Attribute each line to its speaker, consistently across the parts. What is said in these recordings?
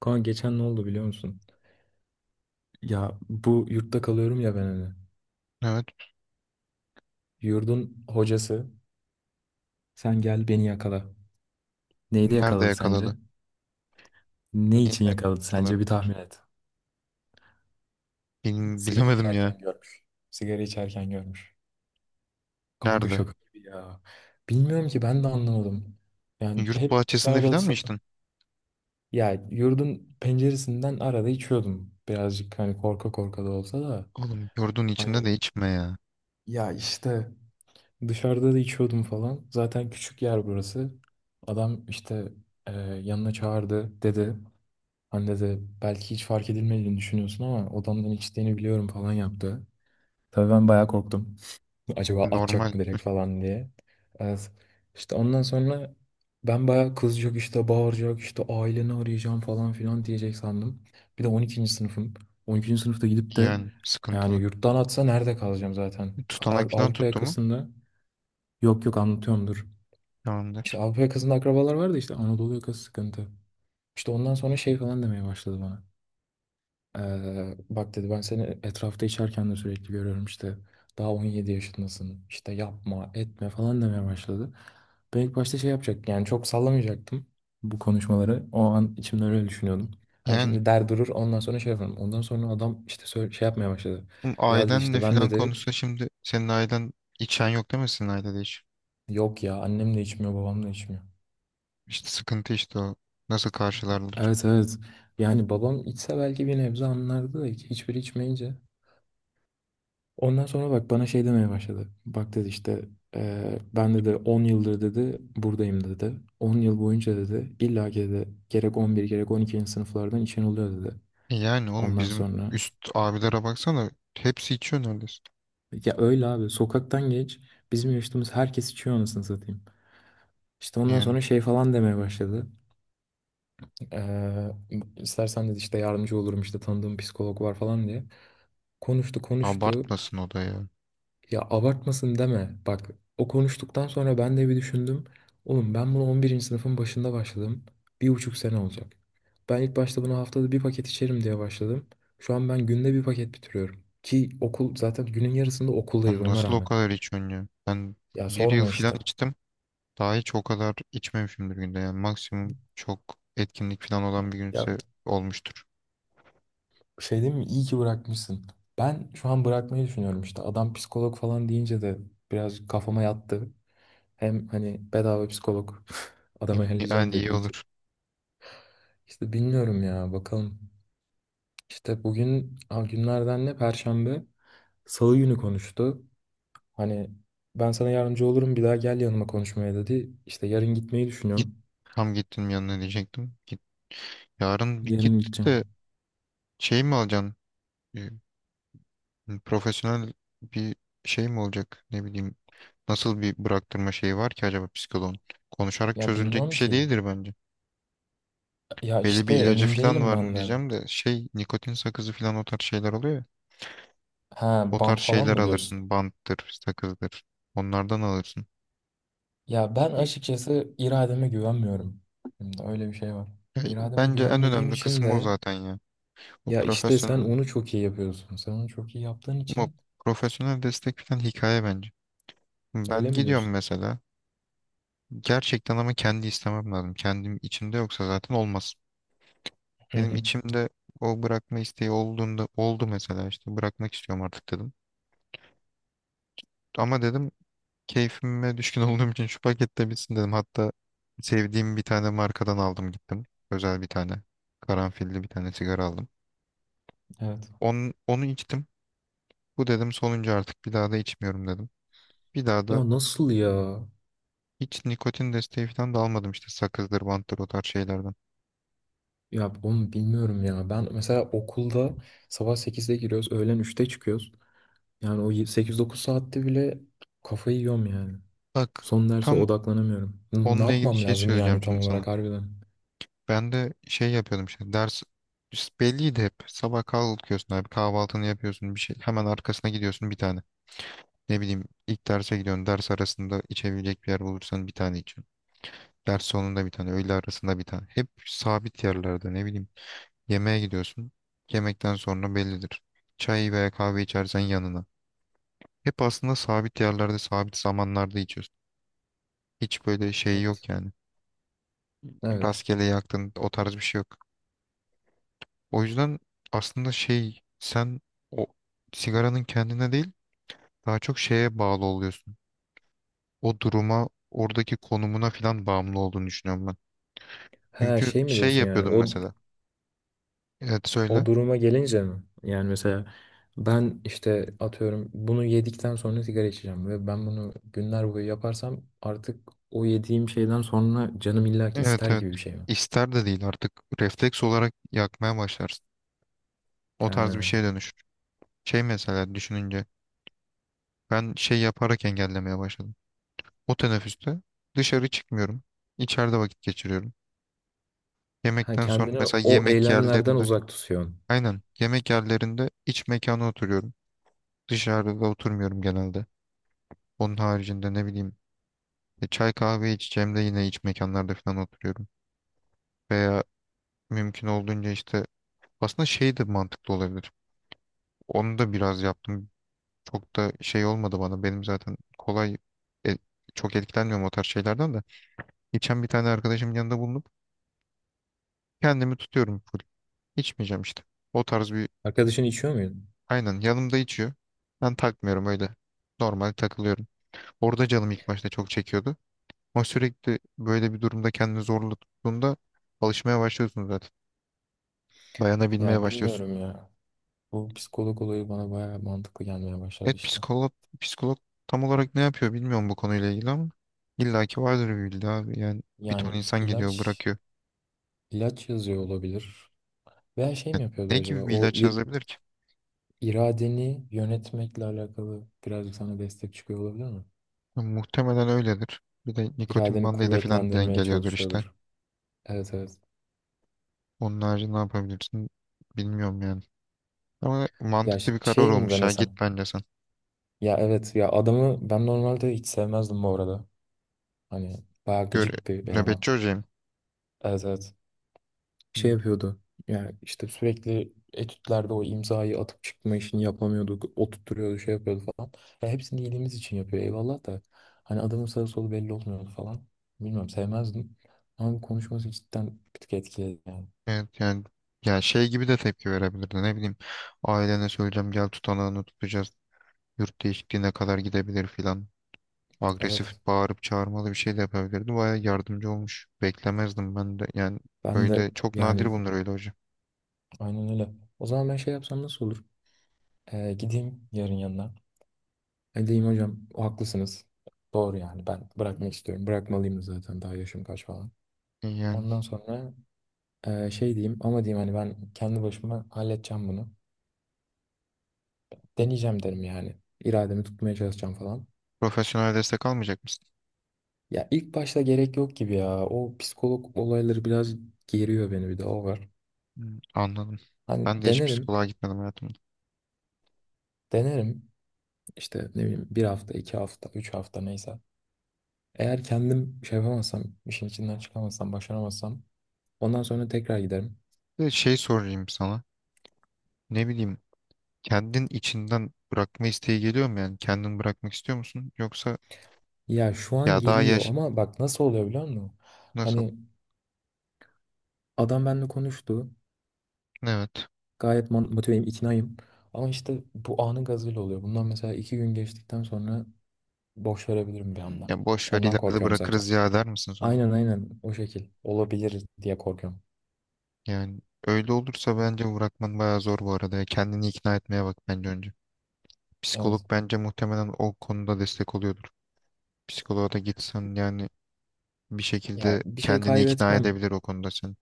Speaker 1: Kaan geçen ne oldu biliyor musun? Ya bu yurtta kalıyorum ya ben hani.
Speaker 2: Evet.
Speaker 1: Yurdun hocası sen gel beni yakala. Neyde
Speaker 2: Nerede
Speaker 1: yakaladı
Speaker 2: yakaladı?
Speaker 1: sence? Ne
Speaker 2: Niye
Speaker 1: için yakaladı
Speaker 2: yakalamış
Speaker 1: sence bir
Speaker 2: olabilir?
Speaker 1: tahmin et. Sigara
Speaker 2: Bilemedim ya.
Speaker 1: içerken görmüş. Sigara içerken görmüş. Kanka
Speaker 2: Nerede?
Speaker 1: şaka gibi ya. Bilmiyorum ki ben de anlamadım. Yani
Speaker 2: Yurt
Speaker 1: hep
Speaker 2: bahçesinde
Speaker 1: arada
Speaker 2: falan mı içtin?
Speaker 1: ya yurdun penceresinden arada içiyordum. Birazcık hani korka korka da olsa da.
Speaker 2: Oğlum yurdun içinde
Speaker 1: Hani
Speaker 2: de içme ya.
Speaker 1: ya işte dışarıda da içiyordum falan. Zaten küçük yer burası. Adam işte yanına çağırdı dedi. Anne de belki hiç fark edilmediğini düşünüyorsun ama odamdan içtiğini biliyorum falan yaptı. Tabii ben bayağı korktum. Acaba atacak
Speaker 2: Normal,
Speaker 1: mı direkt falan diye. Evet. İşte ondan sonra ben bayağı kızacak işte bağıracak işte aileni arayacağım falan filan diyecek sandım. Bir de 12. sınıfım. 12. sınıfta gidip de
Speaker 2: yani
Speaker 1: yani
Speaker 2: sıkıntılı.
Speaker 1: yurttan atsa nerede kalacağım zaten?
Speaker 2: Tutanak falan
Speaker 1: Avrupa
Speaker 2: tuttu mu?
Speaker 1: yakasında. Yok yok, anlatıyorum dur. İşte
Speaker 2: Tamamdır.
Speaker 1: Avrupa yakasında akrabalar vardı, işte Anadolu yakası sıkıntı. İşte ondan sonra şey falan demeye başladı bana. Bak dedi, ben seni etrafta içerken de sürekli görüyorum işte. Daha 17 yaşındasın işte, yapma etme falan demeye başladı. Ben ilk başta şey yapacak, yani çok sallamayacaktım bu konuşmaları. O an içimde öyle düşünüyordum. Hani
Speaker 2: Yani
Speaker 1: şimdi der durur, ondan sonra şey yaparım. Ondan sonra adam işte şey yapmaya başladı.
Speaker 2: oğlum
Speaker 1: Ya dedi
Speaker 2: ailenle
Speaker 1: işte, ben
Speaker 2: falan
Speaker 1: dedi
Speaker 2: konuşsa, şimdi senin ailen, içen yok değil mi senin ailede hiç?
Speaker 1: yok ya, annem de içmiyor babam da içmiyor.
Speaker 2: İşte sıkıntı işte o. Nasıl karşılarlar?
Speaker 1: Evet, evet. Yani babam içse belki bir nebze anlardı da hiçbiri içmeyince. Ondan sonra bak bana şey demeye başladı. Bak dedi işte, ben dedi 10 yıldır dedi buradayım dedi. 10 yıl boyunca dedi illa ki dedi, gerek 11. gerek 12. sınıflardan içen oluyor dedi.
Speaker 2: E yani oğlum
Speaker 1: Ondan
Speaker 2: bizim
Speaker 1: sonra.
Speaker 2: üst abilere baksana, hepsi içiyor neredeyse.
Speaker 1: Ya öyle abi, sokaktan geç, bizim yaşadığımız herkes içiyor anasını satayım. İşte ondan
Speaker 2: Yani
Speaker 1: sonra şey falan demeye başladı. Eee istersen dedi işte yardımcı olurum, işte tanıdığım psikolog var falan diye. Konuştu konuştu.
Speaker 2: abartmasın o da ya.
Speaker 1: Ya abartmasın deme. Bak, o konuştuktan sonra ben de bir düşündüm. Oğlum, ben bunu 11'inci sınıfın başında başladım. 1,5 sene olacak. Ben ilk başta bunu haftada bir paket içerim diye başladım. Şu an ben günde bir paket bitiriyorum. Ki okul zaten, günün yarısında okuldayız
Speaker 2: Lan,
Speaker 1: ona
Speaker 2: nasıl o
Speaker 1: rağmen.
Speaker 2: kadar içiyorsun ya? Ben
Speaker 1: Ya
Speaker 2: bir yıl
Speaker 1: sorma
Speaker 2: falan
Speaker 1: işte.
Speaker 2: içtim. Daha hiç o kadar içmemişimdir günde. Yani maksimum çok etkinlik falan olan bir
Speaker 1: Ya
Speaker 2: günse olmuştur.
Speaker 1: şey değil mi? İyi ki bırakmışsın. Ben şu an bırakmayı düşünüyorum işte. Adam psikolog falan deyince de biraz kafama yattı. Hem hani bedava psikolog adama ayarlayacağım
Speaker 2: Yani iyi
Speaker 1: dediği
Speaker 2: olur.
Speaker 1: için. İşte bilmiyorum ya, bakalım. İşte bugün günlerden ne? Perşembe. Salı günü konuştu. Hani ben sana yardımcı olurum, bir daha gel yanıma konuşmaya dedi. İşte yarın gitmeyi
Speaker 2: Git.
Speaker 1: düşünüyorum.
Speaker 2: Tam gittim yanına diyecektim. Git. Yarın bir git
Speaker 1: Yarın gideceğim.
Speaker 2: de şey mi alacaksın? Ee, Profesyonel bir şey mi olacak? Ne bileyim. Nasıl bir bıraktırma şeyi var ki acaba psikoloğun? Konuşarak
Speaker 1: Ya
Speaker 2: çözülecek bir
Speaker 1: bilmiyorum
Speaker 2: şey
Speaker 1: ki.
Speaker 2: değildir bence.
Speaker 1: Ya
Speaker 2: Belli
Speaker 1: işte
Speaker 2: bir ilacı
Speaker 1: emin
Speaker 2: falan
Speaker 1: değilim
Speaker 2: var mı
Speaker 1: ben de.
Speaker 2: diyeceğim de şey, nikotin sakızı falan o tarz şeyler oluyor ya.
Speaker 1: Ha,
Speaker 2: O
Speaker 1: bant
Speaker 2: tarz
Speaker 1: falan
Speaker 2: şeyler
Speaker 1: mı diyorsun?
Speaker 2: alırsın. Banttır, sakızdır. Onlardan alırsın.
Speaker 1: Ya ben
Speaker 2: Ya,
Speaker 1: açıkçası irademe güvenmiyorum. Şimdi öyle bir şey var. İrademe
Speaker 2: bence en
Speaker 1: güvenmediğim
Speaker 2: önemli
Speaker 1: için
Speaker 2: kısmı o
Speaker 1: de
Speaker 2: zaten ya. O
Speaker 1: ya işte sen
Speaker 2: profesyonel,
Speaker 1: onu çok iyi yapıyorsun. Sen onu çok iyi yaptığın
Speaker 2: o
Speaker 1: için
Speaker 2: profesyonel destek falan hikaye bence. Ben
Speaker 1: öyle mi
Speaker 2: gidiyorum
Speaker 1: diyorsun?
Speaker 2: mesela. Gerçekten ama kendi istemem lazım. Kendim içimde yoksa zaten olmaz.
Speaker 1: Hı
Speaker 2: Benim
Speaker 1: hı.
Speaker 2: içimde o bırakma isteği olduğunda oldu mesela, işte bırakmak istiyorum artık dedim. Ama dedim, keyfime düşkün olduğum için şu pakette bitsin dedim. Hatta sevdiğim bir tane markadan aldım gittim. Özel bir tane. Karanfilli bir tane sigara aldım.
Speaker 1: Evet.
Speaker 2: Onu, onu içtim. Bu dedim sonuncu, artık bir daha da içmiyorum dedim. Bir daha da
Speaker 1: Ya nasıl ya?
Speaker 2: hiç nikotin desteği falan da almadım işte, sakızdır, banttır o tarz şeylerden.
Speaker 1: Ya onu bilmiyorum ya. Ben mesela okulda sabah 8'de giriyoruz, öğlen 3'te çıkıyoruz. Yani o 8-9 saatte bile kafayı yiyorum yani.
Speaker 2: Bak,
Speaker 1: Son derse
Speaker 2: tam
Speaker 1: odaklanamıyorum. Ne
Speaker 2: onunla ilgili
Speaker 1: yapmam
Speaker 2: şey
Speaker 1: lazım
Speaker 2: söyleyeceğim
Speaker 1: yani tam
Speaker 2: şimdi sana.
Speaker 1: olarak harbiden?
Speaker 2: Ben de şey yapıyordum, işte ders belliydi hep. Sabah kalkıyorsun abi, kahvaltını yapıyorsun bir şey. Hemen arkasına gidiyorsun bir tane. Ne bileyim, ilk derse gidiyorsun. Ders arasında içebilecek bir yer bulursan bir tane içiyorsun. Ders sonunda bir tane, öğle arasında bir tane. Hep sabit yerlerde, ne bileyim. Yemeğe gidiyorsun. Yemekten sonra bellidir. Çay veya kahve içersen yanına. Hep aslında sabit yerlerde, sabit zamanlarda içiyorsun. Hiç böyle şey
Speaker 1: Evet.
Speaker 2: yok yani.
Speaker 1: Evet.
Speaker 2: Rastgele yaktın, o tarz bir şey yok. O yüzden aslında şey, sen o sigaranın kendine değil, daha çok şeye bağlı oluyorsun. O duruma, oradaki konumuna falan bağımlı olduğunu düşünüyorum ben.
Speaker 1: Ha,
Speaker 2: Çünkü
Speaker 1: şey mi
Speaker 2: şey
Speaker 1: diyorsun yani?
Speaker 2: yapıyordum
Speaker 1: O
Speaker 2: mesela. Evet
Speaker 1: o
Speaker 2: söyle.
Speaker 1: duruma gelince mi? Yani mesela ben işte atıyorum, bunu yedikten sonra sigara içeceğim, ve ben bunu günler boyu yaparsam artık o yediğim şeyden sonra canım illaki
Speaker 2: Evet,
Speaker 1: ister
Speaker 2: evet.
Speaker 1: gibi bir şey mi?
Speaker 2: İster de değil artık, refleks olarak yakmaya başlarsın. O tarz bir
Speaker 1: Ha.
Speaker 2: şeye dönüşür. Şey mesela, düşününce ben şey yaparak engellemeye başladım. O teneffüste dışarı çıkmıyorum. İçeride vakit geçiriyorum.
Speaker 1: Ha,
Speaker 2: Yemekten sonra
Speaker 1: kendini
Speaker 2: mesela
Speaker 1: o
Speaker 2: yemek
Speaker 1: eylemlerden
Speaker 2: yerlerinde,
Speaker 1: uzak tutuyorsun.
Speaker 2: aynen, yemek yerlerinde iç mekana oturuyorum. Dışarıda oturmuyorum genelde. Onun haricinde ne bileyim, çay kahve içeceğim de yine iç mekanlarda falan oturuyorum. Veya mümkün olduğunca işte, aslında şey de mantıklı olabilir. Onu da biraz yaptım. Çok da şey olmadı bana. Benim zaten kolay, e, çok etkilenmiyorum o tarz şeylerden de. İçen bir tane arkadaşımın yanında bulunup kendimi tutuyorum full. İçmeyeceğim işte. O tarz bir,
Speaker 1: Arkadaşın içiyor muydu?
Speaker 2: aynen, yanımda içiyor. Ben takmıyorum öyle. Normal takılıyorum. Orada canım ilk başta çok çekiyordu. Ama sürekli böyle bir durumda kendini zorla tuttuğunda alışmaya başlıyorsun zaten. Dayanabilmeye
Speaker 1: Ya
Speaker 2: başlıyorsun.
Speaker 1: bilmiyorum ya. Bu psikolog olayı bana bayağı mantıklı gelmeye başladı
Speaker 2: Evet
Speaker 1: işte.
Speaker 2: psikolog, psikolog tam olarak ne yapıyor bilmiyorum bu konuyla ilgili ama illaki vardır bir bildiği abi. Yani bir ton
Speaker 1: Yani
Speaker 2: insan geliyor
Speaker 1: ilaç
Speaker 2: bırakıyor.
Speaker 1: ilaç yazıyor olabilir. Veya şey mi
Speaker 2: Yani
Speaker 1: yapıyordur
Speaker 2: ne
Speaker 1: acaba?
Speaker 2: gibi bir
Speaker 1: O
Speaker 2: ilaç yazabilir ki?
Speaker 1: iradeni yönetmekle alakalı birazcık sana destek çıkıyor olabilir mi?
Speaker 2: Ya muhtemelen öyledir. Bir de nikotin
Speaker 1: İradeni
Speaker 2: bandıyla falan
Speaker 1: kuvvetlendirmeye
Speaker 2: dengeliyordur işte.
Speaker 1: çalışıyordur. Evet, evet.
Speaker 2: Onun harici ne yapabilirsin bilmiyorum yani. Ama
Speaker 1: Ya
Speaker 2: mantıklı bir karar
Speaker 1: şey mi
Speaker 2: olmuş ya, git
Speaker 1: denesem?
Speaker 2: bence sen.
Speaker 1: Ya evet ya, adamı ben normalde hiç sevmezdim bu arada. Hani bayağı
Speaker 2: Gör,
Speaker 1: gıcık bir eleman.
Speaker 2: nöbetçi hocayım.
Speaker 1: Evet, evet. Şey
Speaker 2: Hmm.
Speaker 1: yapıyordu. Yani işte sürekli etütlerde o imzayı atıp çıkma işini yapamıyorduk. Oturtturuyordu, şey yapıyordu falan. Ya hepsini iyiliğimiz için yapıyor, eyvallah da. Hani adamın sağı solu belli olmuyordu falan. Bilmiyorum, sevmezdim. Ama bu konuşması cidden bir tık etkiledi yani.
Speaker 2: Evet yani, ya şey gibi de tepki verebilirdi, ne bileyim. Ailene söyleyeceğim, gel tutanağını tutacağız. Yurt değişikliğine kadar gidebilir filan. Agresif
Speaker 1: Evet.
Speaker 2: bağırıp çağırmalı bir şey de yapabilirdi. Bayağı yardımcı olmuş. Beklemezdim ben de. Yani
Speaker 1: Ben de
Speaker 2: öyle çok nadir
Speaker 1: yani
Speaker 2: bunlar öyle hocam.
Speaker 1: aynen öyle. O zaman ben şey yapsam nasıl olur? Gideyim yarın yanına. Edeyim hocam haklısınız. Doğru, yani ben bırakmak istiyorum. Bırakmalıyım da zaten, daha yaşım kaç falan.
Speaker 2: Yani
Speaker 1: Ondan sonra şey diyeyim, ama diyeyim hani ben kendi başıma halledeceğim bunu.
Speaker 2: bir
Speaker 1: Deneyeceğim derim yani. İrademi tutmaya çalışacağım falan.
Speaker 2: profesyonel destek almayacak mısın?
Speaker 1: Ya ilk başta gerek yok gibi ya. O psikolog olayları biraz geriyor beni, bir de o var.
Speaker 2: Hmm, anladım.
Speaker 1: Hani
Speaker 2: Ben de hiç
Speaker 1: denerim,
Speaker 2: psikoloğa gitmedim hayatımda.
Speaker 1: denerim. İşte ne bileyim, bir hafta, 2 hafta, 3 hafta neyse. Eğer kendim şey yapamazsam, işin içinden çıkamazsam, başaramazsam ondan sonra tekrar giderim.
Speaker 2: Bir de şey sorayım sana. Ne bileyim, kendin içinden bırakma isteği geliyor mu yani? Kendin bırakmak istiyor musun? Yoksa
Speaker 1: Ya şu an
Speaker 2: ya daha
Speaker 1: geliyor,
Speaker 2: yaş,
Speaker 1: ama bak nasıl oluyor biliyor musun?
Speaker 2: nasıl?
Speaker 1: Hani adam benimle konuştu.
Speaker 2: Evet.
Speaker 1: Gayet motiveyim, iknayım. Ama işte bu anın gazıyla oluyor. Bundan mesela 2 gün geçtikten sonra boş verebilirim bir anda.
Speaker 2: Ya boş ver,
Speaker 1: Ondan
Speaker 2: ileride
Speaker 1: korkuyorum zaten.
Speaker 2: bırakırız ya der misin sonra?
Speaker 1: Aynen aynen, o şekil. Olabilir diye korkuyorum.
Speaker 2: Yani öyle olursa bence bırakman bayağı zor bu arada, ya. Kendini ikna etmeye bak bence önce.
Speaker 1: Evet.
Speaker 2: Psikolog bence muhtemelen o konuda destek oluyordur. Psikoloğa da gitsen yani bir
Speaker 1: Ya
Speaker 2: şekilde
Speaker 1: bir şey
Speaker 2: kendini ikna
Speaker 1: kaybetmem.
Speaker 2: edebilir o konuda sen.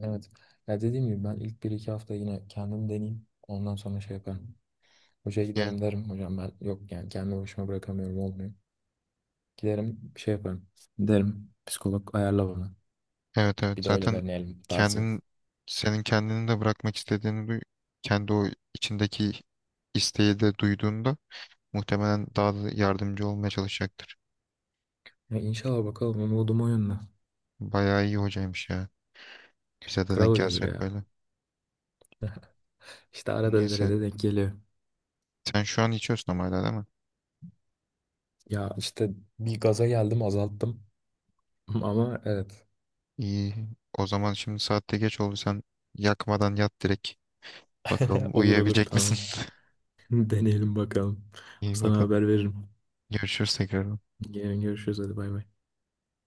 Speaker 1: Evet. Ya dediğim gibi ben ilk bir iki hafta yine kendim deneyeyim. Ondan sonra şey yaparım. Hocaya
Speaker 2: Yani
Speaker 1: giderim derim. Hocam ben yok yani, kendi başıma bırakamıyorum, olmuyor. Giderim, bir şey yaparım. Derim psikolog ayarla bana.
Speaker 2: evet, evet
Speaker 1: Bir de öyle
Speaker 2: zaten
Speaker 1: deneyelim tarzı.
Speaker 2: kendin, senin kendini de bırakmak istediğini duy, kendi o içindeki isteği de duyduğunda muhtemelen daha da yardımcı olmaya çalışacaktır.
Speaker 1: Ya inşallah bakalım, umudum o yönde.
Speaker 2: Bayağı iyi hocaymış ya. Bize de
Speaker 1: Kral
Speaker 2: denk
Speaker 1: hocadır
Speaker 2: gelse hep
Speaker 1: ya.
Speaker 2: böyle.
Speaker 1: İşte arada
Speaker 2: Neyse.
Speaker 1: derede denk geliyor.
Speaker 2: Sen şu an içiyorsun ama hala, değil mi?
Speaker 1: Ya işte bir gaza geldim, azalttım. Ama evet.
Speaker 2: İyi. O zaman şimdi saatte geç oldu. Sen yakmadan yat direkt. Bakalım
Speaker 1: Olur olur,
Speaker 2: uyuyabilecek misin?
Speaker 1: tamam. Deneyelim bakalım.
Speaker 2: İyi
Speaker 1: Sana
Speaker 2: bakalım.
Speaker 1: haber veririm.
Speaker 2: Görüşürüz tekrar.
Speaker 1: Yarın görüşürüz, hadi bay bay.